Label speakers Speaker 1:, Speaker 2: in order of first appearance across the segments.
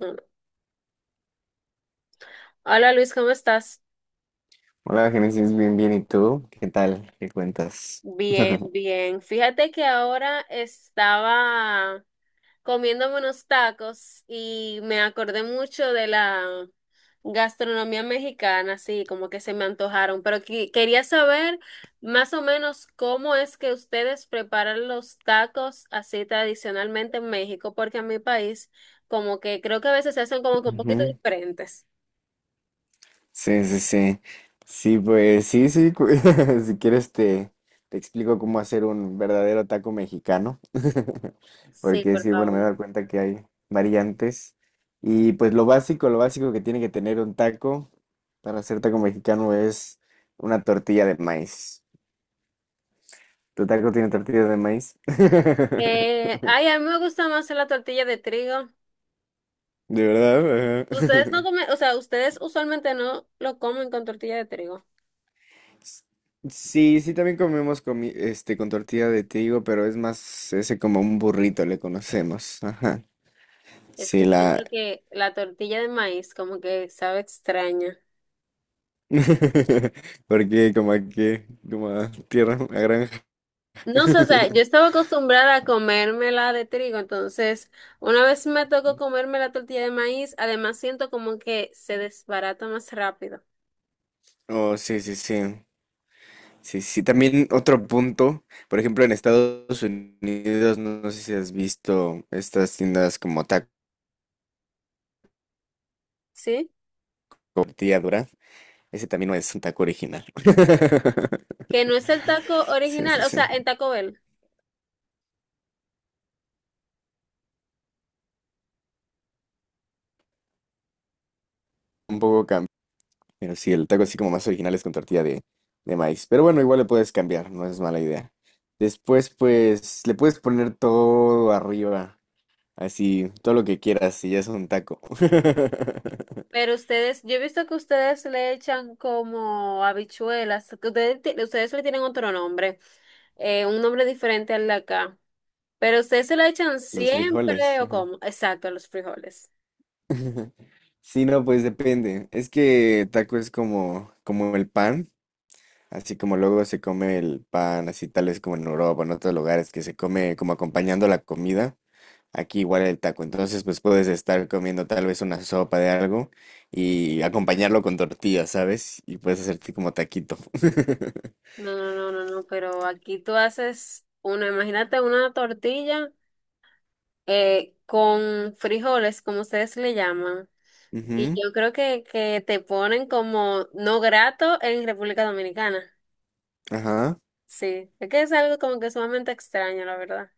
Speaker 1: Uno. Hola Luis, ¿cómo estás?
Speaker 2: Hola, Génesis, bien, bien. ¿Y tú? ¿Qué tal? ¿Qué cuentas?
Speaker 1: Bien, bien. Fíjate que ahora estaba comiéndome unos tacos y me acordé mucho de la gastronomía mexicana, así como que se me antojaron, pero quería saber más o menos cómo es que ustedes preparan los tacos así tradicionalmente en México, porque en mi país como que creo que a veces se hacen como que un poquito
Speaker 2: Ujú.
Speaker 1: diferentes.
Speaker 2: Sí, sí, sí. Sí, pues sí, sí. Si quieres, te explico cómo hacer un verdadero taco mexicano.
Speaker 1: Sí,
Speaker 2: Porque
Speaker 1: por
Speaker 2: sí, bueno, me
Speaker 1: favor.
Speaker 2: he dado cuenta que hay variantes. Y pues lo básico que tiene que tener un taco para hacer taco mexicano es una tortilla de maíz. ¿Tu taco tiene tortilla de maíz?
Speaker 1: Ay, a mí me gusta más la tortilla de trigo.
Speaker 2: ¿De verdad?
Speaker 1: Ustedes no
Speaker 2: Ajá.
Speaker 1: comen, o sea, ustedes usualmente no lo comen con tortilla de trigo.
Speaker 2: Sí, sí, también comemos con tortilla de trigo, pero es más ese como un burrito le conocemos. Ajá.
Speaker 1: Es
Speaker 2: Sí,
Speaker 1: que siento
Speaker 2: la...
Speaker 1: que la tortilla de maíz como que sabe extraña.
Speaker 2: Porque como aquí, como a tierra, a granja.
Speaker 1: No sé, o sea, yo estaba acostumbrada a comérmela de trigo, entonces una vez me tocó comerme la tortilla de maíz, además siento como que se desbarata más rápido,
Speaker 2: Oh, sí, sí, sí. Sí, sí. También otro punto, por ejemplo, en Estados Unidos, no sé si has visto estas tiendas como taco
Speaker 1: ¿sí?
Speaker 2: tortilla dura. Ese también no es un taco original.
Speaker 1: Que no es el taco
Speaker 2: Sí,
Speaker 1: original,
Speaker 2: sí,
Speaker 1: o sea, en
Speaker 2: sí.
Speaker 1: Taco Bell.
Speaker 2: Un poco. Pero sí, el taco así como más original es con tortilla de maíz. Pero bueno, igual le puedes cambiar, no es mala idea. Después, pues, le puedes poner todo arriba, así, todo lo que quieras, y ya es un taco.
Speaker 1: Pero ustedes, yo he visto que ustedes le echan como habichuelas, que ustedes le tienen otro nombre, un nombre diferente al de acá. ¿Pero ustedes se la echan
Speaker 2: Los
Speaker 1: siempre
Speaker 2: frijoles,
Speaker 1: o
Speaker 2: ajá.
Speaker 1: cómo? Exacto, a los frijoles.
Speaker 2: Sí, no, pues depende. Es que taco es como el pan, así como luego se come el pan, así tal vez como en Europa, en otros lugares, que se come como acompañando la comida. Aquí igual el taco. Entonces, pues puedes estar comiendo tal vez una sopa de algo y acompañarlo con tortillas, ¿sabes? Y puedes hacerte como taquito.
Speaker 1: No, no, no, no, no, pero aquí tú haces una, imagínate una tortilla con frijoles, como ustedes le llaman. Y
Speaker 2: Ujú.
Speaker 1: yo creo que te ponen como no grato en República Dominicana.
Speaker 2: Ajá.
Speaker 1: Sí, es que es algo como que sumamente extraño, la verdad.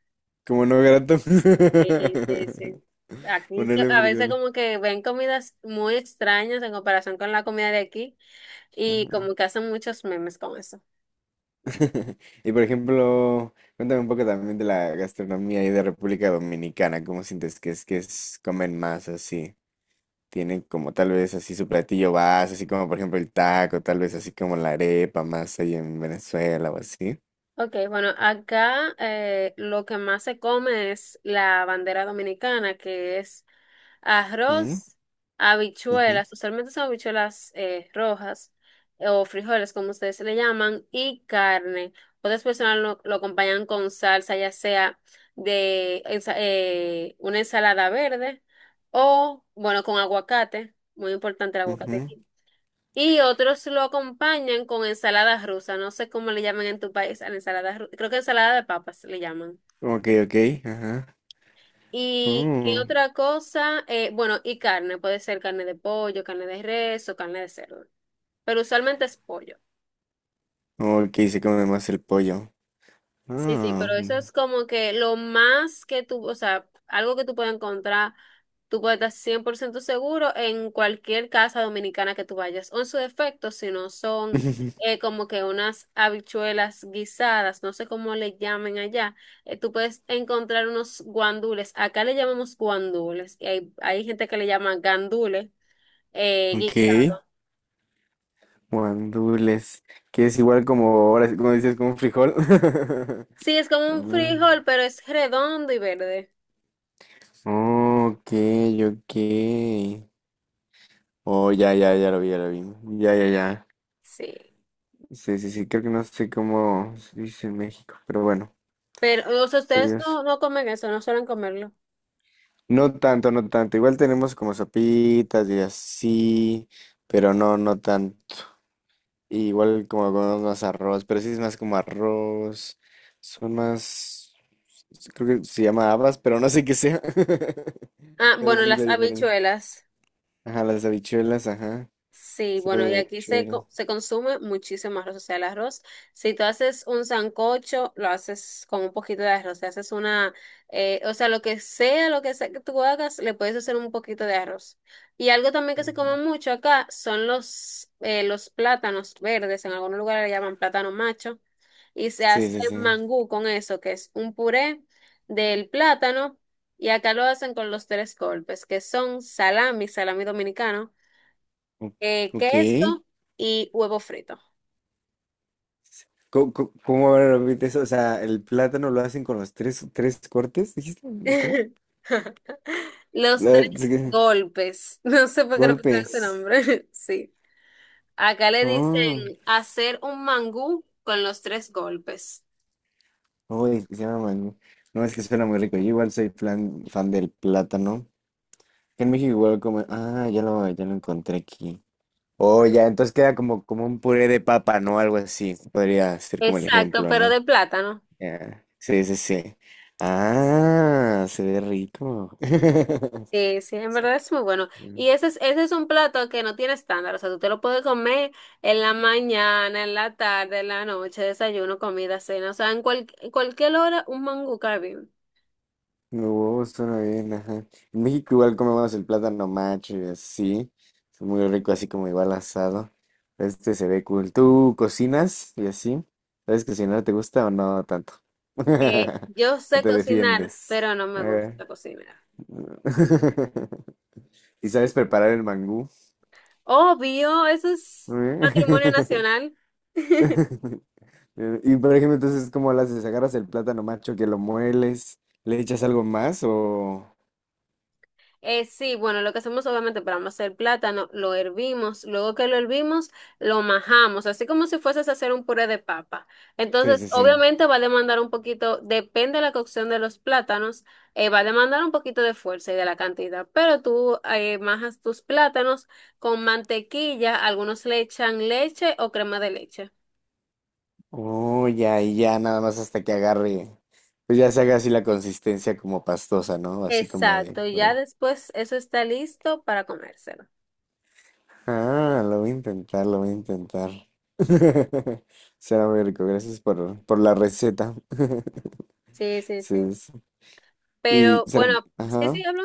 Speaker 2: Como no grato.
Speaker 1: Sí, sí, sí. Aquí
Speaker 2: Ponerle
Speaker 1: a veces
Speaker 2: frijoles.
Speaker 1: como que ven comidas muy extrañas en comparación con la comida de aquí y
Speaker 2: Ajá.
Speaker 1: como que hacen muchos memes con eso.
Speaker 2: Y por ejemplo, cuéntame un poco también de la gastronomía ahí de República Dominicana. ¿Cómo sientes que es comen más así? Tienen como tal vez así su platillo base, así como por ejemplo el taco, tal vez así como la arepa más ahí en Venezuela o así.
Speaker 1: Ok, bueno, acá lo que más se come es la bandera dominicana, que es
Speaker 2: Mm,
Speaker 1: arroz,
Speaker 2: ujú,
Speaker 1: habichuelas, usualmente son habichuelas rojas o frijoles, como ustedes le llaman, y carne. Otras personas lo acompañan con salsa, ya sea de una ensalada verde o, bueno, con aguacate, muy importante el aguacate
Speaker 2: ujú.
Speaker 1: aquí. Y otros lo acompañan con ensalada rusa, no sé cómo le llaman en tu país a la ensalada rusa, creo que ensalada de papas le llaman.
Speaker 2: Ok, ok, ajá.
Speaker 1: ¿Y qué
Speaker 2: Mm.
Speaker 1: otra cosa? Bueno, y carne, puede ser carne de pollo, carne de res o carne de cerdo, pero usualmente es pollo.
Speaker 2: Ok, se come más el pollo.
Speaker 1: Sí, sí,
Speaker 2: Ah,
Speaker 1: pero eso es como que lo más que tú, o sea, algo que tú puedes encontrar, tú puedes estar 100% seguro en cualquier casa dominicana que tú vayas, o en su defecto, si no son como que unas habichuelas guisadas, no sé cómo le llamen allá, tú puedes encontrar unos guandules, acá le llamamos guandules, y hay gente que le llama gandules,
Speaker 2: ok,
Speaker 1: guisado.
Speaker 2: guandules, que es igual como ahora, sí, como dices, como un frijol.
Speaker 1: Sí, es como
Speaker 2: A
Speaker 1: un
Speaker 2: ver.
Speaker 1: frijol, pero es redondo y verde.
Speaker 2: Ok, ok. Oh, ya, ya, ya lo vi, ya lo vi. Ya, ya, ya.
Speaker 1: Sí.
Speaker 2: Sí, sí, sí, creo que no sé cómo se dice en México, pero bueno,
Speaker 1: Pero, o sea, ustedes
Speaker 2: pues,
Speaker 1: no, no comen eso, no suelen comerlo.
Speaker 2: no tanto, no tanto. Igual tenemos como sopitas y así, pero no, no tanto. Igual como comemos más arroz, pero sí es más como arroz. Son más, creo que se llama habas, pero no sé qué sea.
Speaker 1: Ah,
Speaker 2: Pero
Speaker 1: bueno,
Speaker 2: sí la
Speaker 1: las
Speaker 2: diferencia.
Speaker 1: habichuelas.
Speaker 2: Ajá, las habichuelas, ajá.
Speaker 1: Sí,
Speaker 2: Sopa
Speaker 1: bueno,
Speaker 2: de
Speaker 1: y aquí
Speaker 2: habichuelas.
Speaker 1: se consume muchísimo arroz, o sea, el arroz. Si tú haces un sancocho, lo haces con un poquito de arroz. Si haces una, o sea, lo que sea, lo que sea que tú hagas, le puedes hacer un poquito de arroz. Y algo también que se come
Speaker 2: Ujú.
Speaker 1: mucho acá son los plátanos verdes. En algunos lugares le llaman plátano macho, y se
Speaker 2: Sí,
Speaker 1: hace
Speaker 2: sí, sí.
Speaker 1: mangú con eso, que es un puré del plátano, y acá lo hacen con los tres golpes, que son salami, salami dominicano,
Speaker 2: O- Ok.
Speaker 1: queso y huevo frito.
Speaker 2: ¿Cómo, cómo ahora repite eso? O sea, el plátano lo hacen con los tres, tres cortes, ¿dijiste? ¿O ¿cómo? A
Speaker 1: Los
Speaker 2: ver,
Speaker 1: tres golpes. No sé por qué le pusieron ese
Speaker 2: golpes.
Speaker 1: nombre. Sí. Acá le
Speaker 2: Oh,
Speaker 1: dicen hacer un mangú con los tres golpes.
Speaker 2: uy, se llama mangú. No, es que suena muy rico. Yo igual soy fan del plátano. En México igual como... Ah, ya lo encontré aquí. Oh, ya, entonces queda como un puré de papa, ¿no? Algo así. Podría ser como el
Speaker 1: Exacto,
Speaker 2: ejemplo,
Speaker 1: pero
Speaker 2: ¿no?
Speaker 1: de plátano.
Speaker 2: Ya. Sí, sí, sí. Ah, se ve rico.
Speaker 1: Sí, sí, en verdad es muy bueno. Y ese es un plato que no tiene estándar, o sea, tú te lo puedes comer en la mañana, en la tarde, en la noche, desayuno, comida, cena, o sea, en, en cualquier hora un mangú cae bien.
Speaker 2: No, huevo, suena bien, ajá. En México igual comemos el plátano macho y así. Es muy rico, así como igual asado. Este se ve cool. ¿Tú cocinas y así? ¿Sabes cocinar? ¿Te gusta o no tanto? ¿O
Speaker 1: Yo sé
Speaker 2: te
Speaker 1: cocinar,
Speaker 2: defiendes?
Speaker 1: pero no me
Speaker 2: Eh,
Speaker 1: gusta cocinar.
Speaker 2: ¿Y sabes
Speaker 1: Sí.
Speaker 2: preparar el mangú?
Speaker 1: Obvio, eso es
Speaker 2: Eh,
Speaker 1: patrimonio nacional.
Speaker 2: Y por ejemplo, entonces, ¿cómo las haces? ¿Agarras el plátano macho que lo mueles? ¿Le echas algo más o...?
Speaker 1: Sí, bueno, lo que hacemos obviamente para no hacer plátano, lo hervimos, luego que lo hervimos, lo majamos, así como si fueses a hacer un puré de papa.
Speaker 2: Sí,
Speaker 1: Entonces,
Speaker 2: sí, sí.
Speaker 1: obviamente va a demandar un poquito, depende de la cocción de los plátanos, va a demandar un poquito de fuerza y de la cantidad, pero tú majas tus plátanos con mantequilla, algunos le echan leche o crema de leche.
Speaker 2: Uy, ya, y ya, nada más hasta que agarre, pues ya se haga así la consistencia como pastosa, ¿no? Así como de...
Speaker 1: Exacto, ya después eso está listo para comérselo.
Speaker 2: Ah, lo voy a intentar, lo voy a intentar. Será muy rico, gracias por la receta.
Speaker 1: Sí, sí, sí.
Speaker 2: Sí, sí. Y
Speaker 1: Pero bueno,
Speaker 2: será,
Speaker 1: sí, sí,
Speaker 2: ajá.
Speaker 1: hablo.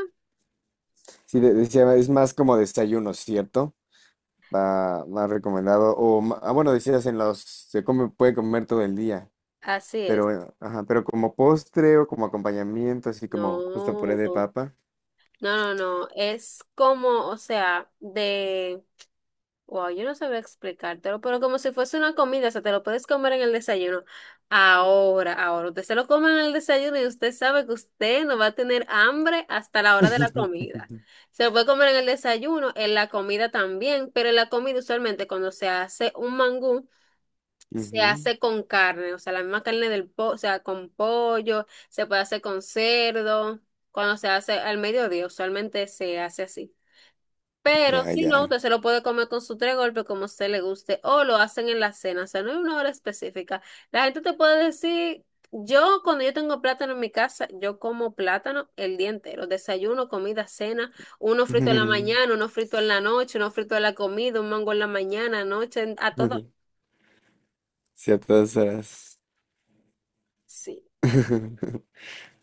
Speaker 2: Sí, decía, es más como desayuno, ¿cierto? Va más recomendado. O, bueno, decías en los, se come, puede comer todo el día.
Speaker 1: Así es.
Speaker 2: Pero, ajá, pero como postre o como acompañamiento, así como justo puré
Speaker 1: No,
Speaker 2: de
Speaker 1: como-
Speaker 2: papa.
Speaker 1: no, no, no, es como, o sea, de, wow, yo no sabía explicártelo, pero como si fuese una comida, o sea, te lo puedes comer en el desayuno. Ahora, ahora, usted se lo come en el desayuno y usted sabe que usted no va a tener hambre hasta la hora de la comida. Se lo puede comer en el desayuno, en la comida también, pero en la comida usualmente cuando se hace un mangú. Se
Speaker 2: Ujú.
Speaker 1: hace con carne, o sea, la misma carne del pollo, o sea, con pollo, se puede hacer con cerdo, cuando se hace al mediodía, usualmente se hace así. Pero
Speaker 2: Ya,
Speaker 1: si no,
Speaker 2: ya.
Speaker 1: usted se lo puede comer con su tres golpes como a usted le guste, o lo hacen en la cena, o sea, no hay una hora específica. La gente te puede decir, yo cuando yo tengo plátano en mi casa, yo como plátano el día entero, desayuno, comida, cena, uno frito en la mañana, uno frito en la noche, uno frito en la comida, un mango en la mañana, noche, a todo.
Speaker 2: Ciertas horas.
Speaker 1: Sí.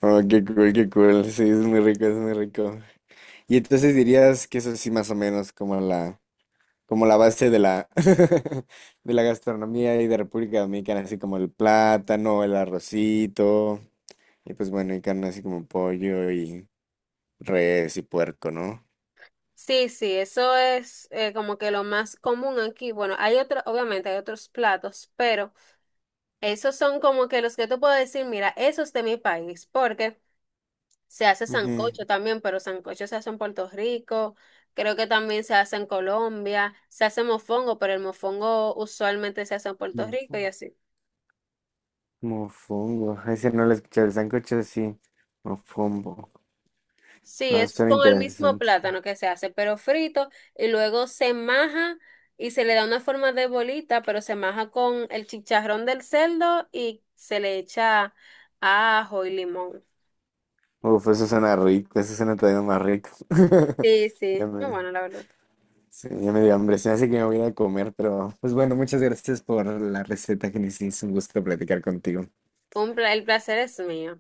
Speaker 2: Oh, qué cool, qué cool. Sí, es muy rico, es muy rico. Y entonces dirías que eso sí más o menos como la base de la, de la gastronomía y de República Dominicana, así como el plátano, el arrocito, y pues bueno, y carne así como pollo y res y puerco, ¿no?
Speaker 1: Sí, sí, eso es como que lo más común aquí. Bueno, hay otro, obviamente hay otros platos, pero esos son como que los que tú puedes decir, mira, esos de mi país, porque se hace sancocho también, pero sancocho se hace en Puerto Rico, creo que también se hace en Colombia, se hace mofongo, pero el mofongo usualmente se hace en Puerto Rico
Speaker 2: Ujú.
Speaker 1: y así.
Speaker 2: Mofongo, ese no lo escuché, el sancocho sí, mofongo,
Speaker 1: Sí,
Speaker 2: no,
Speaker 1: es
Speaker 2: suena
Speaker 1: con el mismo
Speaker 2: interesante,
Speaker 1: plátano que se hace, pero frito, y luego se maja y se le da una forma de bolita, pero se maja con el chicharrón del cerdo y se le echa ajo y limón.
Speaker 2: uf, eso suena rico, eso suena todavía más rico,
Speaker 1: Sí,
Speaker 2: ya
Speaker 1: sí, no,
Speaker 2: me,
Speaker 1: bueno, la verdad.
Speaker 2: sí, ya me dio hambre, se me hace que me voy a ir a comer, pero pues bueno, muchas gracias por, la receta, que Genesis, un gusto platicar contigo.
Speaker 1: El placer es mío.